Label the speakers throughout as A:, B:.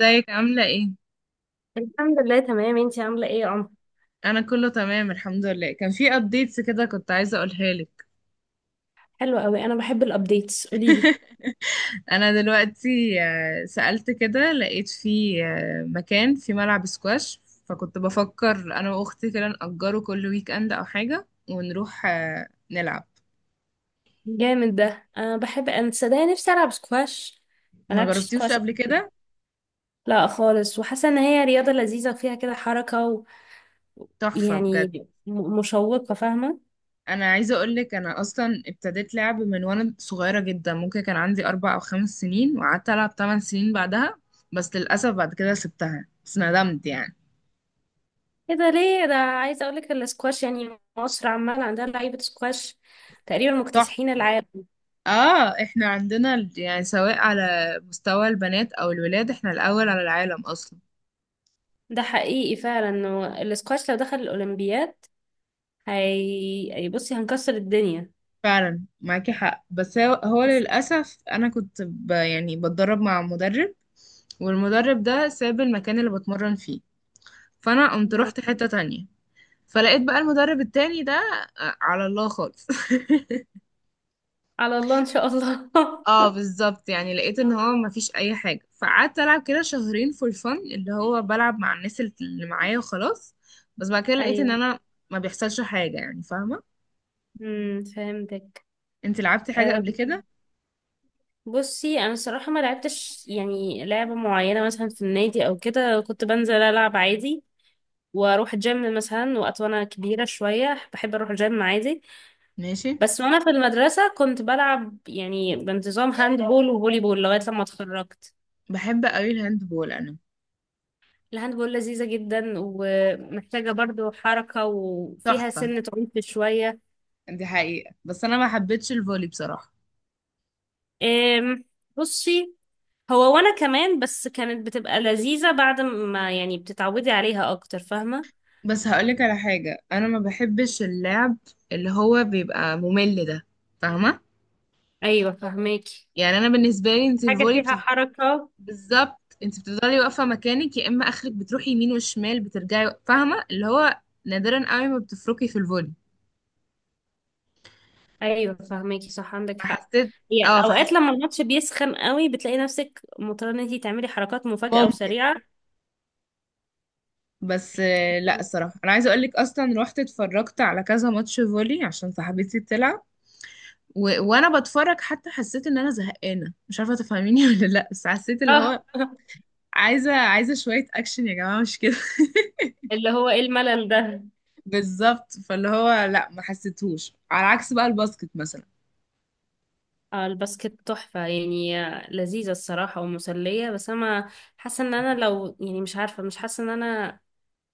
A: ازيك عاملة ايه؟
B: الحمد لله تمام. انتي عاملة ايه يا عمر؟
A: أنا كله تمام الحمد لله. كان في updates كده كنت عايزة أقولها لك.
B: حلو قوي، انا بحب الابديتس، قولي لي.
A: أنا دلوقتي سألت كده لقيت في مكان، في ملعب سكواش، فكنت بفكر أنا وأختي كده نأجره كل ويك أند أو حاجة ونروح نلعب.
B: جامد ده، انا بحب، انا صدقني نفسي العب سكواش. ما
A: ما
B: لعبتش
A: جربتيوش
B: سكواش قبل
A: قبل
B: كده.
A: كده؟
B: لا خالص، وحاسه ان هي رياضه لذيذه وفيها كده حركه
A: تحفة بجد.
B: ويعني مشوقه، فاهمه.
A: أنا عايزة أقولك، أنا أصلا ابتديت لعب من وأنا صغيرة جدا، ممكن كان عندي 4 أو 5 سنين، وقعدت ألعب 8 سنين بعدها. بس للأسف بعد كده سبتها، بس ندمت يعني.
B: ايه ده؟ ليه ده؟ عايزه اقول لك السكواش، يعني مصر عمال عندها لعيبه سكواش تقريبا مكتسحين العالم.
A: اه احنا عندنا يعني سواء على مستوى البنات او الولاد احنا الاول على العالم اصلا.
B: ده حقيقي فعلا، انه السكواش لو دخل الاولمبياد، بصي هنكسر الدنيا.
A: فعلا معاكي حق، بس هو للاسف انا كنت يعني بتدرب مع مدرب، والمدرب ده ساب المكان اللي بتمرن فيه، فانا قمت
B: بس
A: رحت حتة تانية. فلقيت بقى المدرب التاني ده على الله خالص
B: على الله ان شاء الله.
A: اه بالظبط، يعني لقيت ان هو مفيش اي حاجه، فقعدت العب كده شهرين فور فن، اللي هو بلعب مع الناس اللي معايا وخلاص. بس بعد كده لقيت ان
B: ايوه.
A: انا ما بيحصلش حاجه، يعني فاهمه.
B: فهمتك.
A: انت لعبتي حاجه قبل
B: أم،
A: كده؟
B: بصي انا الصراحه ما لعبتش يعني لعبه معينه مثلا في النادي او كده، كنت بنزل العب عادي واروح الجيم مثلا وقت. وانا كبيره شويه بحب اروح الجيم عادي.
A: ماشي.
B: بس وانا في المدرسه كنت بلعب يعني بانتظام هاند بول وفولي بول لغايه لما اتخرجت.
A: بحب قوي الهاند بول انا.
B: الهاند بول لذيذه جدا ومحتاجه برضو حركه وفيها
A: تحفه.
B: سنه عنف شويه.
A: دي حقيقه، بس انا ما حبيتش الفولي بصراحه.
B: أم، بصي، هو وانا كمان، بس كانت بتبقى لذيذة بعد ما يعني بتتعودي عليها اكتر، فاهمة.
A: بس هقولك على حاجه، انا ما بحبش اللعب اللي هو بيبقى ممل ده. فاهمه.
B: ايوه فاهماكي.
A: يعني انا بالنسبه لي انت
B: حاجة
A: الفولي
B: فيها حركة.
A: بالظبط، انت بتفضلي واقفه مكانك، يا اما اخرك بتروحي يمين وشمال بترجعي، فاهمه اللي هو نادرا قوي ما بتفركي في الفولي.
B: ايوه فاهماكي، صح عندك حق.
A: فحسيت.
B: هي
A: اه فحسيت
B: اوقات لما الماتش بيسخن قوي بتلاقي نفسك مضطرة ان انتي تعملي حركات مفاجئة
A: ممكن.
B: وسريعة.
A: بس لا الصراحه، انا عايزه اقول لك اصلا رحت اتفرجت على كذا ماتش فولي عشان صاحبتي بتلعب. وانا بتفرج حتى حسيت ان انا زهقانه، مش عارفه تفهميني ولا لا. بس حسيت اللي
B: اه.
A: هو عايزه شويه اكشن يا جماعه، مش كده؟
B: اللي هو ايه الملل ده.
A: بالظبط، فاللي هو لا ما حسيتهوش، على عكس بقى الباسكت مثلا.
B: اه، الباسكت تحفة يعني، لذيذة الصراحة ومسلية. بس انا حاسة ان انا، لو يعني مش عارفة، مش حاسة ان انا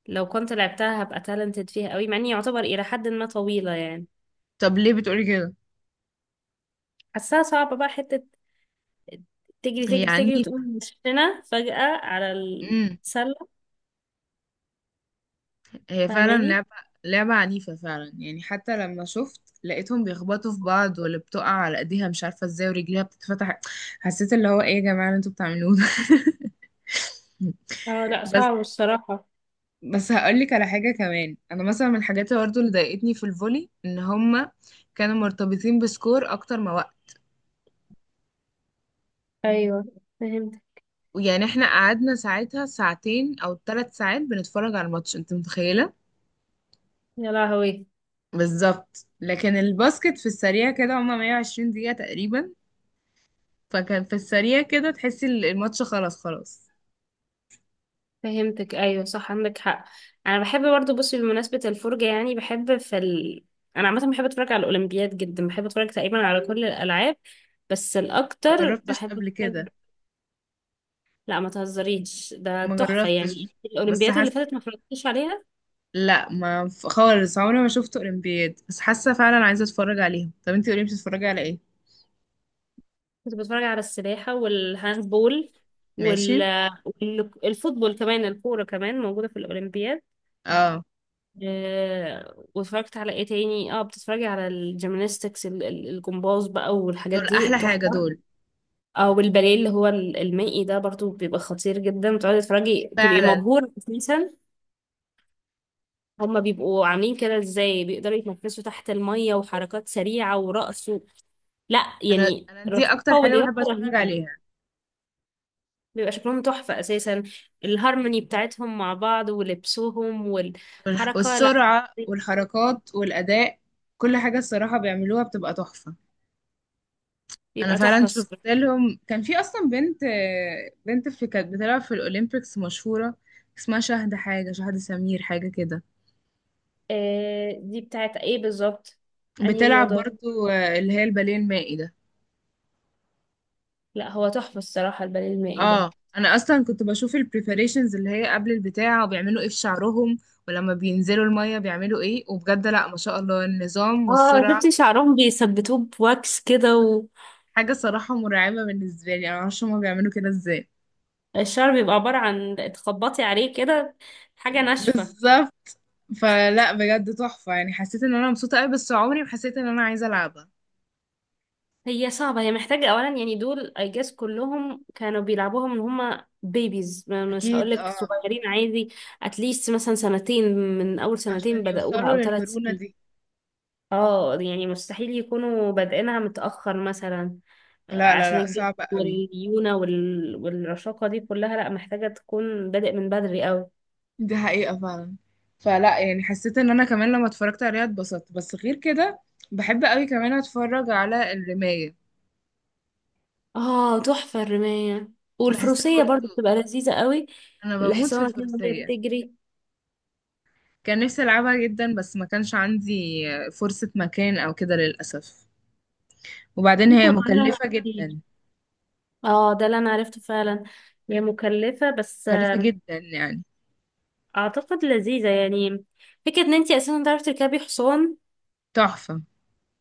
B: لو كنت لعبتها هبقى تالنتد فيها قوي، مع اني يعتبر الى حد ما طويلة يعني.
A: طب ليه بتقولي كده؟
B: حاساها صعبة بقى، حتة تجري
A: هي
B: تجري تجري
A: عنيفة.
B: وتقوم مشينا فجأة على
A: امم.
B: السلة،
A: هي فعلا
B: فاهماني.
A: لعبة. لعبة عنيفة فعلا يعني، حتى لما شفت لقيتهم بيخبطوا في بعض، واللي بتقع على ايديها مش عارفة ازاي ورجليها بتتفتح. حسيت اللي هو ايه يا جماعة اللي انتوا بتعملوه ده؟
B: اه لا،
A: بس.
B: صعب الصراحة.
A: بس هقولك على حاجة كمان، أنا مثلا من الحاجات اللي برضه اللي ضايقتني في الفولي إن هما كانوا مرتبطين بسكور أكتر ما وقت.
B: ايوه فهمتك.
A: يعني احنا قعدنا ساعتها ساعتين أو 3 ساعات بنتفرج على الماتش، أنت متخيلة؟
B: يا لهوي.
A: بالظبط. لكن الباسكت في السريع كده هما 120 دقيقة تقريبا، فكان في السريع كده تحسي الماتش خلاص خلاص.
B: فهمتك، ايوه صح عندك حق. انا بحب برضو، بصي، بمناسبة الفرجة، يعني بحب في انا عامة بحب اتفرج على الاولمبياد جدا، بحب اتفرج تقريبا على كل الالعاب، بس
A: ما
B: الاكتر
A: جربتش
B: بحب
A: قبل
B: اتفرج.
A: كده.
B: لا ما تهزريش، ده
A: ما
B: تحفة يعني.
A: جربتش. بس
B: الأولمبياد اللي
A: حاسه.
B: فاتت ما اتفرجتش عليها.
A: لا ما ف- خالص، عمري ما شفت اولمبياد، بس حاسه فعلا عايزه اتفرج عليهم. طب انتي قولي بتتفرجي على ايه؟
B: كنت بتفرج على السباحة والهاندبول وال
A: ماشي.
B: والفوتبول كمان، الكورة كمان موجودة في الأولمبياد.
A: اه.
B: واتفرجت على ايه تاني؟ اه، بتتفرجي على الجيمناستكس، الجمباز بقى، والحاجات
A: دول
B: دي
A: احلى حاجه
B: تحفة.
A: دول،
B: او الباليه اللي هو المائي ده، برضو بيبقى خطير جدا، بتقعدي تتفرجي تبقي
A: فعلا.
B: مبهورة اساسا. هما بيبقوا عاملين كده ازاي؟ بيقدروا يتنفسوا تحت المية وحركات سريعة ورقص. لا
A: انا
B: يعني
A: انا دي اكتر
B: رشاقة
A: حاجه
B: ولياقة
A: بحب اتفرج
B: رهيبة.
A: عليها.
B: بيبقى شكلهم تحفة أساسا، الهارموني بتاعتهم مع بعض ولبسهم والحركة، لا
A: والسرعه والحركات والاداء، كل حاجه الصراحه بيعملوها بتبقى تحفه. انا
B: بيبقى
A: فعلا
B: تحفة
A: شفت
B: الصراحة.
A: لهم، كان في اصلا بنت. بنت في كانت بتلعب في الاولمبيكس مشهوره، اسمها شهد حاجه، شهد سمير حاجه كده.
B: آه، دي بتاعت ايه بالظبط؟ انهي
A: بتلعب
B: رياضة؟
A: برضو اللي هي الباليه المائي ده.
B: لا هو تحفة الصراحة الباليه المائي ده.
A: اه انا اصلا كنت بشوف البريباريشنز اللي هي قبل البتاع، وبيعملوا ايه في شعرهم ولما بينزلوا الميه بيعملوا ايه، وبجد لا ما شاء الله النظام
B: اه
A: والسرعه.
B: شفتي شعرهم بيثبتوه بواكس كده،
A: حاجه صراحه مرعبه بالنسبه لي، انا معرفش هما بيعملوا كده ازاي.
B: والشعر بيبقى عبارة عن تخبطي عليه كده، حاجة ناشفة.
A: بالظبط. فلا بجد تحفة، يعني حسيت ان انا مبسوطة قوي، بس عمري ما حسيت ان انا عايزة العبها.
B: هي صعبة، هي محتاجة أولا يعني، دول I guess كلهم كانوا بيلعبوها من هما بيبيز، مش
A: اكيد
B: هقولك
A: اه.
B: صغيرين عادي. اتليست مثلا 2 سنين، من أول 2 سنين
A: عشان
B: بدأوها،
A: يوصلوا
B: أو ثلاث
A: للمرونة
B: سنين
A: دي.
B: اه يعني مستحيل يكونوا بادئينها متأخر مثلا.
A: لا لا
B: عشان
A: لا،
B: الجسم
A: صعبة قوي.
B: والليونة والرشاقة دي كلها، لأ محتاجة تكون بادئ من بدري أوي.
A: دي حقيقة فعلا. فلا يعني حسيت ان انا كمان لما اتفرجت عليها اتبسطت، بس غير كده بحب قوي كمان اتفرج على الرماية.
B: اه تحفة الرماية.
A: بحسها
B: والفروسية برضو
A: برضه.
B: بتبقى لذيذة قوي،
A: انا بموت في
B: الحصانة كده وهي
A: الفروسية.
B: بتجري
A: كان نفسي العبها جدا، بس ما كانش عندي فرصة مكان او كده للأسف. وبعدين
B: في
A: هي
B: القناة.
A: مكلفة جدا.
B: اه ده اللي انا عرفته فعلا، هي مكلفة، بس
A: مكلفة جدا يعني.
B: اعتقد لذيذة يعني. فكرة ان انتي اساسا تعرفي تركبي حصان،
A: تحفة.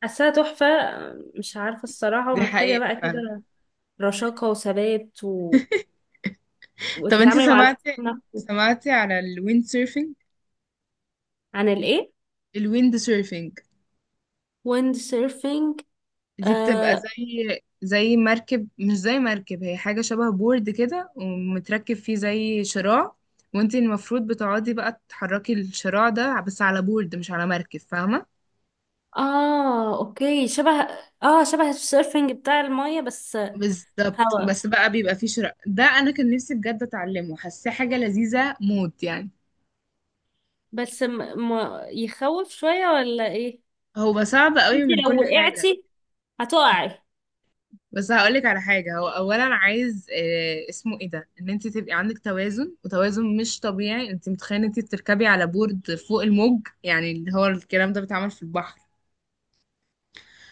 B: حاساها تحفة. مش عارفة الصراحة،
A: دي
B: ومحتاجة
A: حقيقة
B: بقى
A: فعلا.
B: كده رشاقة وثبات
A: طب انت
B: وتتعاملي مع
A: سمعتي؟
B: الحصان نفسه.
A: سمعتي على الويند سيرفينج؟
B: عن الايه؟
A: الويند سيرفينج
B: ويند سيرفينج.
A: دي بتبقى
B: آه.
A: زي مركب، مش زي مركب، هي حاجة شبه بورد كده ومتركب فيه زي شراع. وانت المفروض بتقعدي بقى تحركي الشراع ده بس على بورد مش على مركب، فاهمة؟
B: اه اوكي، شبه، اه شبه السيرفينج بتاع المية، بس
A: بالظبط.
B: هوا.
A: بس بقى بيبقى فيه شراع ده، انا كان نفسي بجد اتعلمه، حاساه حاجة لذيذة موت يعني.
B: بس يخوف شوية ولا ايه؟
A: هو صعب
B: بس
A: قوي
B: انتي
A: من
B: لو
A: كل حاجة.
B: وقعتي، هتقعي.
A: بس هقولك على حاجة، هو أولا عايز اسمه ايه ده، ان انت تبقي عندك توازن، وتوازن مش طبيعي. انت متخيلة انت بتركبي على بورد فوق الموج، يعني اللي هو الكلام ده بيتعمل في البحر.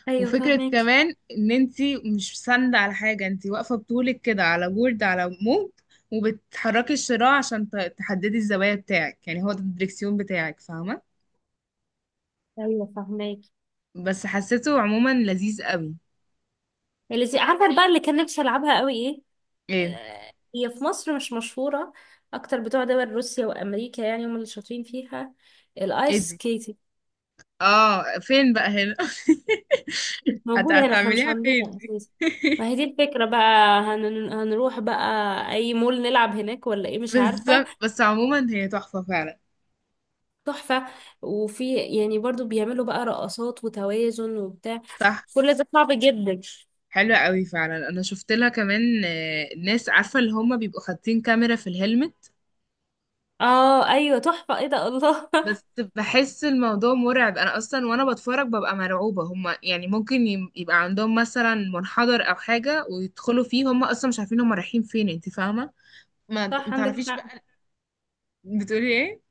B: ايوه
A: وفكرة
B: فاهمك.
A: كمان ان انت مش ساندة على حاجة، انت واقفة بطولك كده على بورد على موج، وبتحركي الشراع عشان تحددي الزوايا بتاعك، يعني هو ده الدريكسيون بتاعك، فاهمة؟
B: ايوه فهماك.
A: بس حسيته عموما لذيذ قوي.
B: عارفه بقى اللي كان نفسي العبها قوي ايه؟
A: ايه؟
B: هي في مصر مش مشهوره، اكتر بتوع دول روسيا وامريكا يعني، هم اللي شاطرين فيها. الايس
A: ايه دي؟
B: سكيتنج.
A: اه فين بقى هنا؟
B: مش موجوده هنا، احنا مش
A: هتعمليها فين
B: عندنا
A: دي؟
B: اساسا. ما هي دي الفكره بقى، هنروح بقى اي مول نلعب هناك ولا ايه، مش عارفه.
A: بالظبط، بس عموما هي تحفة فعلا.
B: تحفه. وفي يعني برضو بيعملوا بقى رقصات وتوازن وبتاع،
A: صح.
B: كل ده صعب جدا.
A: حلوة قوي فعلا، انا شفت لها كمان ناس عارفة اللي هما بيبقوا حاطين كاميرا في الهلمت.
B: اه ايوه تحفه، ايه ده، الله.
A: بس بحس الموضوع مرعب، انا اصلا وانا بتفرج ببقى مرعوبة. هما يعني ممكن يبقى عندهم مثلا منحدر او حاجة ويدخلوا فيه، هما اصلا مش عارفين هما رايحين فين، انت فاهمة؟
B: صح
A: ما
B: عندك
A: تعرفيش
B: حق.
A: بقى. بتقولي ايه؟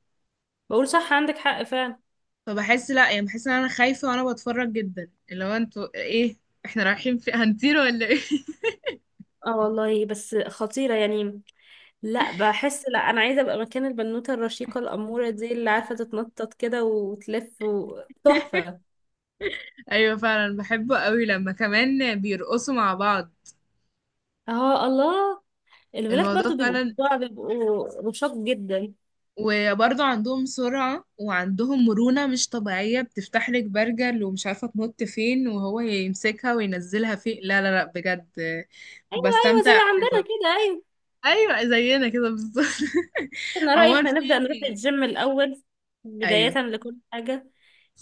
B: بقول صح عندك حق فعلا.
A: فبحس لا، يعني بحس ان انا خايفة وانا بتفرج جدا، اللي هو انتوا ايه؟ احنا رايحين في هنطير ولا ايه؟
B: اه والله، بس خطيرة يعني. لا بحس، لا انا عايزة ابقى مكان البنوتة الرشيقة الأمورة دي، اللي عارفة تتنطط كده وتلف تحفة.
A: ايوه فعلا. بحبه قوي لما كمان بيرقصوا مع بعض.
B: اه الله. الولاد
A: الموضوع
B: برضو
A: فعلا.
B: بيبقوا رشاق جدا، ايوه.
A: وبرضه عندهم سرعة وعندهم مرونة مش طبيعية، بتفتح لك برجل ومش عارفة تنط فين، وهو يمسكها وينزلها فين، لا لا لا بجد.
B: ايوه زي
A: بستمتع قوي
B: عندنا
A: برضه.
B: كده، ايوه.
A: ايوه زينا كده بالظبط.
B: انا رأيي
A: عموما
B: احنا
A: في.
B: نبدأ نروح الجيم الأول، بداية
A: ايوه.
B: لكل حاجة.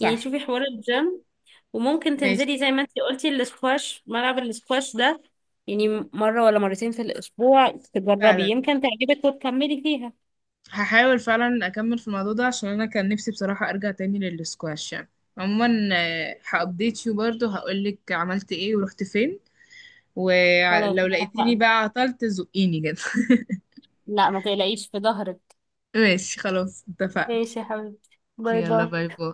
B: يعني شوفي حوار الجيم، وممكن
A: ماشي.
B: تنزلي زي ما انتي قلتي الاسكواش، ملعب الاسكواش ده، يعني مرة ولا 2 مرة في الأسبوع تجربي،
A: فعلا.
B: يمكن تعجبك وتكملي فيها.
A: هحاول فعلا اكمل في الموضوع ده عشان انا كان نفسي بصراحة ارجع تاني للسكواش يعني. عموما هابديت يو برضه هقولك عملت ايه ورحت فين.
B: خلاص
A: ولو لقيتيني
B: اتفقنا.
A: بقى عطلت زقيني كده.
B: لا ما تقلقيش في ظهرك.
A: ماشي خلاص اتفقنا.
B: ماشي يا حبيبتي، باي
A: يلا
B: باي.
A: باي باي.